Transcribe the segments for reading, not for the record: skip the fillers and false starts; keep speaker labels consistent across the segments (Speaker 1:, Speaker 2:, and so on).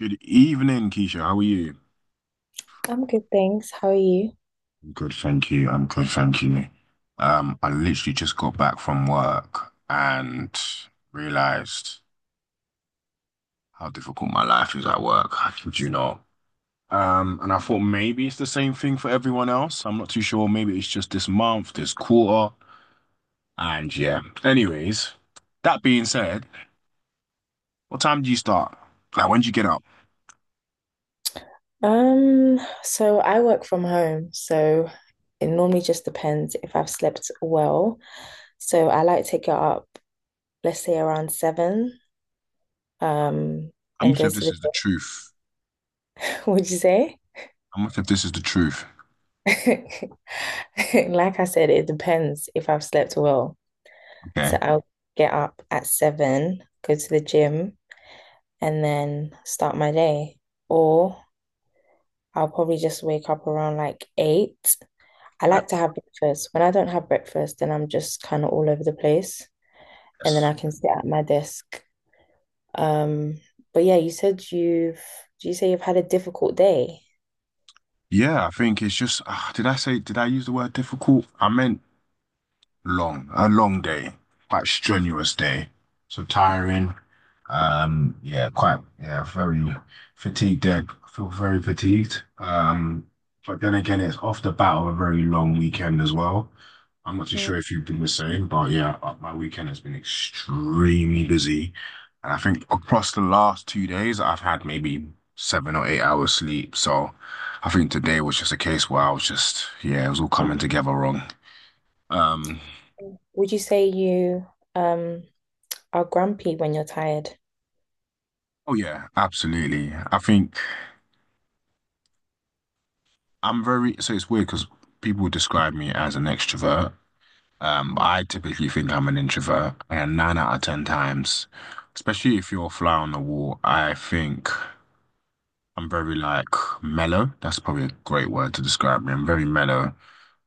Speaker 1: Good evening, Keisha. How are you?
Speaker 2: I'm good, thanks. How are you?
Speaker 1: Good, thank you. I'm good, thank you. I literally just got back from work and realized how difficult my life is at work. I kid you not. And I thought maybe it's the same thing for everyone else. I'm not too sure. Maybe it's just this month, this quarter. And yeah. Anyways, that being said, what time do you start? Like, when do you get up?
Speaker 2: So I work from home, so it normally just depends if I've slept well. So I like to get up, let's say around seven, um,
Speaker 1: I'm
Speaker 2: and
Speaker 1: not sure
Speaker 2: go
Speaker 1: if
Speaker 2: to
Speaker 1: this
Speaker 2: the
Speaker 1: is the truth.
Speaker 2: Would you say?
Speaker 1: I'm not sure if this is the truth.
Speaker 2: Like I said, it depends if I've slept well.
Speaker 1: Okay.
Speaker 2: So I'll get up at seven, go to the gym, and then start my day. Or I'll probably just wake up around like eight. I like to have breakfast. When I don't have breakfast, then I'm just kind of all over the place, and then
Speaker 1: Yes.
Speaker 2: I can sit at my desk. Um, but yeah, you said you've, do you say you've had a difficult day?
Speaker 1: Yeah, I think it's just, did I use the word difficult? I meant a long day, quite strenuous day. So tiring. Yeah, quite, yeah, very fatigued there. I feel very fatigued. But then again, it's off the bat of a very long weekend as well. I'm not too
Speaker 2: Mm.
Speaker 1: sure if you've been the same, but yeah, my weekend has been extremely busy. And I think across the last 2 days, I've had maybe 7 or 8 hours sleep. So I think today was just a case where I was just, yeah, it was all coming together wrong. Um,
Speaker 2: Would you say you um are grumpy when you're tired?
Speaker 1: Oh yeah, absolutely. I think so it's weird because people describe me as an extrovert. But I typically think I'm an introvert, and nine out of ten times, especially if you're a fly on the wall, I think I'm very like mellow. That's probably a great word to describe me. I'm very mellow,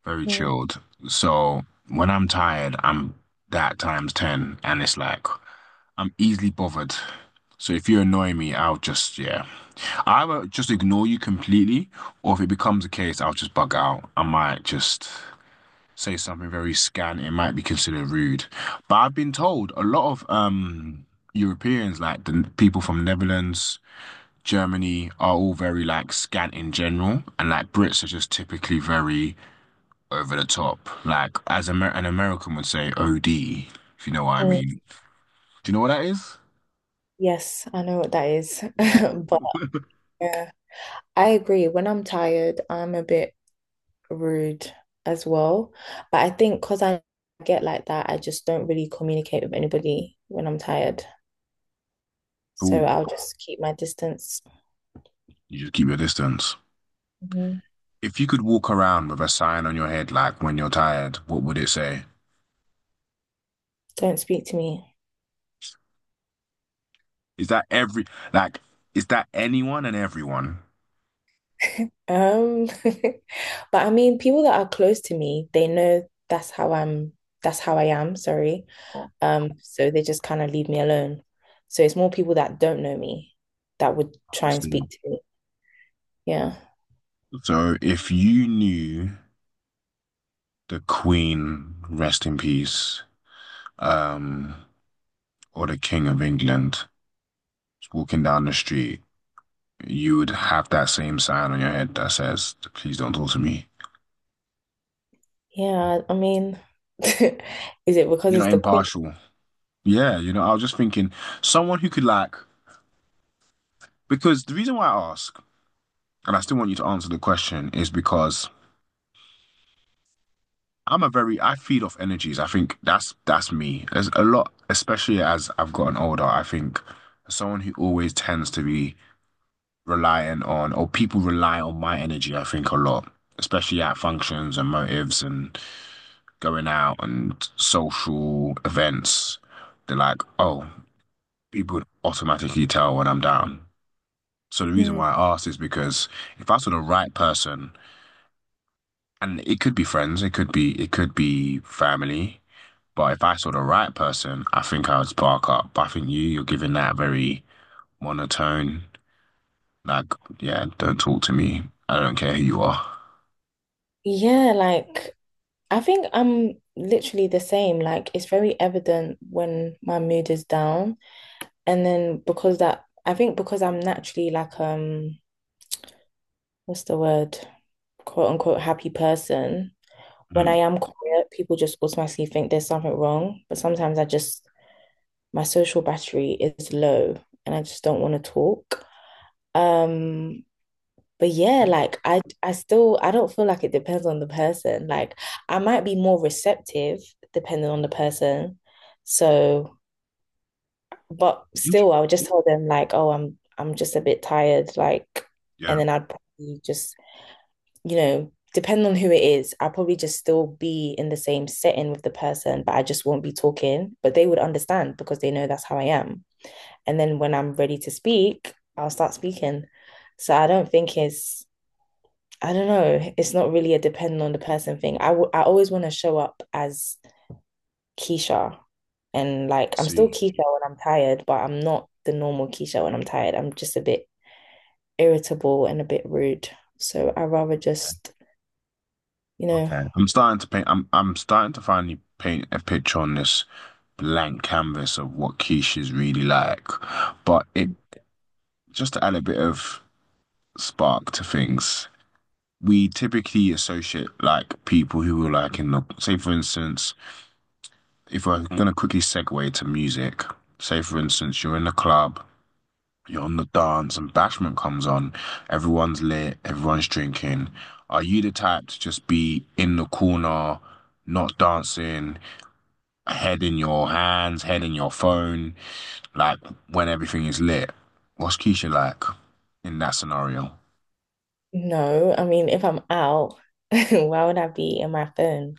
Speaker 1: very
Speaker 2: Mm.
Speaker 1: chilled. So when I'm tired, I'm that times ten, and it's like I'm easily bothered. So if you annoy me, I'll just, yeah. I will just ignore you completely, or if it becomes a case, I'll just bug out. I might just say something very scant. It might be considered rude. But I've been told a lot of Europeans, like people from Netherlands, Germany, are all very like scant in general, and like Brits are just typically very over the top. Like as Amer an American would say, OD, if you know what I
Speaker 2: Mm.
Speaker 1: mean. Do you know what that is?
Speaker 2: Yes, I know what that is. But uh, I agree. When I'm tired, I'm a bit rude as well. But I think because I get like that, I just don't really communicate with anybody when I'm tired. So
Speaker 1: Cool.
Speaker 2: I'll just keep my distance.
Speaker 1: You just keep your distance.
Speaker 2: Mhm.
Speaker 1: If you could walk around with a sign on your head, like when you're tired, what would it say?
Speaker 2: Don't speak to me.
Speaker 1: Is that every, like, is that anyone and everyone?
Speaker 2: Um, but I mean, people that are close to me, they know that's how I'm, that's how I am, sorry.
Speaker 1: Oh,
Speaker 2: So they just kind of leave me alone. So it's more people that don't know me that would
Speaker 1: I
Speaker 2: try and speak
Speaker 1: see.
Speaker 2: to me. Yeah.
Speaker 1: So if you knew the Queen, rest in peace, um, or the King of England was walking down the street, you would have that same sign on your head that says, please don't talk to me.
Speaker 2: Yeah, I mean, is it because
Speaker 1: You're
Speaker 2: it's
Speaker 1: not
Speaker 2: the queen?
Speaker 1: impartial. Yeah, you know, I was just thinking someone who could like, because the reason why I ask, and I still want you to answer the question, is because I'm a very I feed off energies. I think that's me. There's a lot, especially as I've gotten older. I think someone who always tends to be reliant on, or people rely on my energy. I think a lot, especially at functions and motives and going out and social events. They're like, oh, people automatically tell when I'm down. So the reason why I asked is because if I saw the right person. And it could be friends, it could be family. But if I saw the right person, I think I would spark up. But I think you're giving that very monotone, like, yeah, don't talk to me. I don't care who you are.
Speaker 2: Yeah, like I think I'm literally the same. Like it's very evident when my mood is down. And then because that I think because I'm naturally like what's the word? Quote unquote happy person. When I
Speaker 1: Hmm.
Speaker 2: am quiet, people just automatically think there's something wrong. But sometimes I just my social battery is low and I just don't want to talk. Um, but yeah, like I still I don't feel like it depends on the person. Like I might be more receptive depending on the person. So, but
Speaker 1: Int-
Speaker 2: still I would just tell them like, "Oh, I'm just a bit tired." Like
Speaker 1: Yeah,
Speaker 2: and then I'd probably just, you know, depending on who it is, I'll probably just still be in the same setting with the person, but I just won't be talking, but they would understand because they know that's how I am. And then when I'm ready to speak, I'll start speaking. So I don't think it's I don't know. It's not really a dependent on the person thing. I always want to show up as Keisha. And like, I'm still
Speaker 1: see.
Speaker 2: Keisha when I'm tired, but I'm not the normal Keisha when I'm tired. I'm just a bit irritable and a bit rude. So I rather just, you know,
Speaker 1: Okay. I'm starting to paint I'm starting to finally paint a picture on this blank canvas of what Keisha's really like. But it Just to add a bit of spark to things, we typically associate like people who are like in the say, for instance, if we're gonna quickly segue to music, say for instance, you're in the club, you're on the dance and bashment comes on, everyone's lit, everyone's drinking. Are you the type to just be in the corner, not dancing, head in your hands, head in your phone, like when everything is lit, what's Keisha like in that scenario?
Speaker 2: no. I mean, if I'm out, why would I be in my phone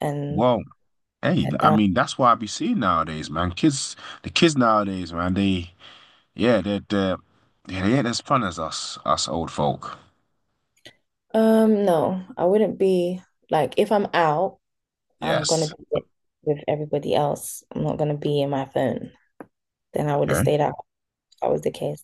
Speaker 2: and
Speaker 1: Well, hey,
Speaker 2: head
Speaker 1: I
Speaker 2: down?
Speaker 1: mean that's what I be seeing nowadays, man. The kids nowadays, man. They, yeah, they're yeah, they ain't as fun as us old folk.
Speaker 2: No, I wouldn't be like, if I'm out, I'm gonna
Speaker 1: Yes.
Speaker 2: be with everybody else. I'm not gonna be in my phone. Then I would have
Speaker 1: Okay.
Speaker 2: stayed out. That was the case.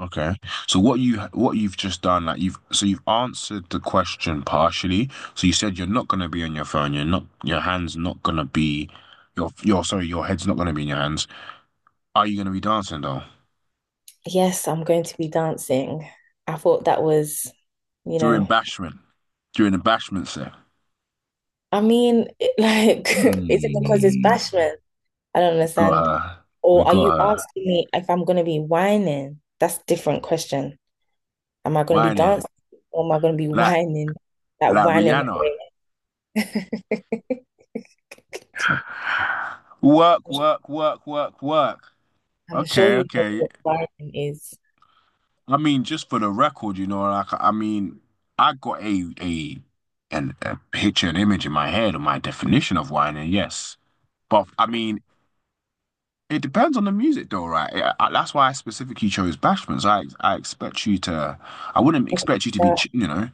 Speaker 1: Okay. So what you've just done, like you've, so you've answered the question partially. So you said you're not gonna be on your phone. You're not. Your hands not gonna be. Your sorry. Your head's not gonna be in your hands. Are you gonna be dancing though
Speaker 2: Yes, I'm going to be dancing. I thought that was, you
Speaker 1: during
Speaker 2: know,
Speaker 1: bashment? During the bashment set?
Speaker 2: I mean, it, like, is it because it's
Speaker 1: Hmm.
Speaker 2: bashment? I don't
Speaker 1: Got
Speaker 2: understand.
Speaker 1: her. We
Speaker 2: Or are you
Speaker 1: got her
Speaker 2: asking me if I'm going to be whining? That's a different question. Am I going to be
Speaker 1: whining.
Speaker 2: dancing or am I going to be
Speaker 1: Like
Speaker 2: whining? Like
Speaker 1: like
Speaker 2: whining. My
Speaker 1: Rihanna.
Speaker 2: way?
Speaker 1: Work, work, work, work, work.
Speaker 2: I'm sure
Speaker 1: Okay,
Speaker 2: you know
Speaker 1: okay.
Speaker 2: what wiring is.
Speaker 1: I mean, just for the record, you know, like I mean, I got a an a picture, an image in my head of my definition of wine, and yes, but I mean, it depends on the music, though, right? That's why I specifically chose Bashmans. I expect you to, I wouldn't
Speaker 2: Okay,
Speaker 1: expect you to be,
Speaker 2: so,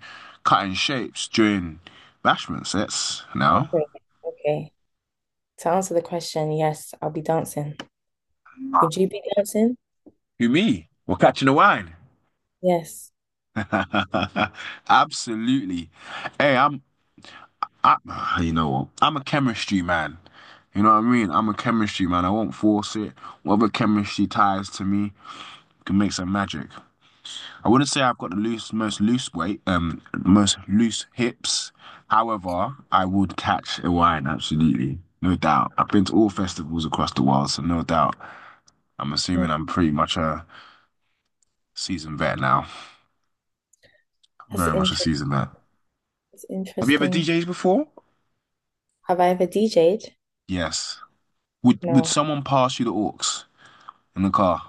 Speaker 1: cutting shapes during Bashmans. That's now.
Speaker 2: okay, okay. To answer the question, yes, I'll be dancing. Would you be dancing?
Speaker 1: You me? We're catching the wine.
Speaker 2: Yes.
Speaker 1: Absolutely. Hey, I, you know what? I'm a chemistry man. You know what I mean? I'm a chemistry man. I won't force it. Whatever chemistry ties to me can make some magic. I wouldn't say I've got the loose most loose weight, most loose hips. However, I would catch a wine, absolutely. No doubt. I've been to all festivals across the world, so no doubt. I'm
Speaker 2: Yeah.
Speaker 1: assuming I'm pretty much a seasoned vet now.
Speaker 2: That's
Speaker 1: Very much a
Speaker 2: inter
Speaker 1: seasoned vet.
Speaker 2: that's
Speaker 1: Have you ever
Speaker 2: interesting.
Speaker 1: DJed before?
Speaker 2: Have I ever DJ'd?
Speaker 1: Yes. Would
Speaker 2: No.
Speaker 1: someone pass you the aux in the car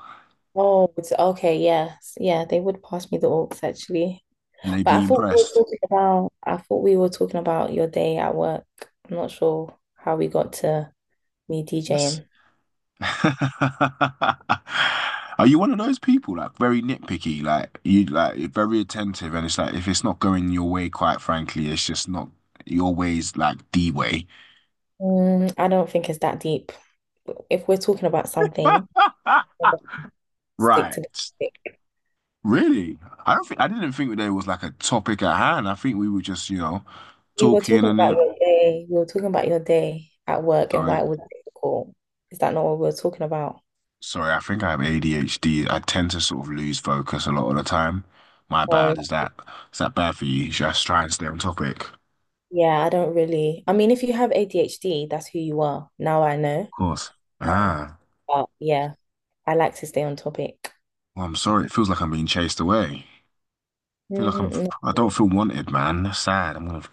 Speaker 2: Oh, it's okay, yes. Yeah, they would pass me the aux actually.
Speaker 1: and they'd
Speaker 2: But
Speaker 1: be impressed?
Speaker 2: I thought we were talking about your day at work. I'm not sure how we got to me
Speaker 1: Yes.
Speaker 2: DJing.
Speaker 1: Are you one of those people like very nitpicky, like you like you're very attentive, and it's like if it's not going your way, quite frankly, it's just not your way's like the way.
Speaker 2: Mm, I don't think it's that deep. If we're talking about something, stick
Speaker 1: Right.
Speaker 2: to the topic.
Speaker 1: Really? I didn't think there was like a topic at hand. I think we were just,
Speaker 2: We were
Speaker 1: talking
Speaker 2: talking
Speaker 1: and
Speaker 2: about
Speaker 1: it.
Speaker 2: your day. We were talking about your day at work and
Speaker 1: Sorry.
Speaker 2: why it was difficult. Is that not what we were talking about?
Speaker 1: Sorry, I think I have ADHD. I tend to sort of lose focus a lot of the time. My bad.
Speaker 2: Well,
Speaker 1: Is that bad for you? Should I just try and stay on topic?
Speaker 2: yeah, I don't really. I mean, if you have ADHD, that's who you are. Now I
Speaker 1: Of
Speaker 2: know.
Speaker 1: course.
Speaker 2: Um,
Speaker 1: Ah,
Speaker 2: but yeah, I like to stay on topic.
Speaker 1: well, I'm sorry. It feels like I'm being chased away. I feel like I'm.
Speaker 2: Mm, no.
Speaker 1: I don't feel wanted, man. That's sad. I'm gonna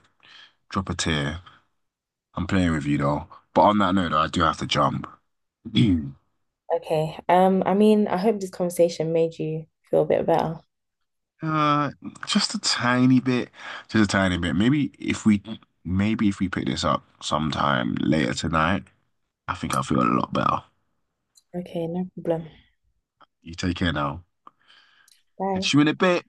Speaker 1: drop a tear. I'm playing with you though. But on that note, though, I do have to jump.
Speaker 2: Okay. I mean, I hope this conversation made you feel a bit better.
Speaker 1: Uh, just a tiny bit. Just a tiny bit. Maybe if we pick this up sometime later tonight, I think I'll feel a lot better.
Speaker 2: Okay, no problem.
Speaker 1: You take care now.
Speaker 2: Bye.
Speaker 1: Je me l'ai pas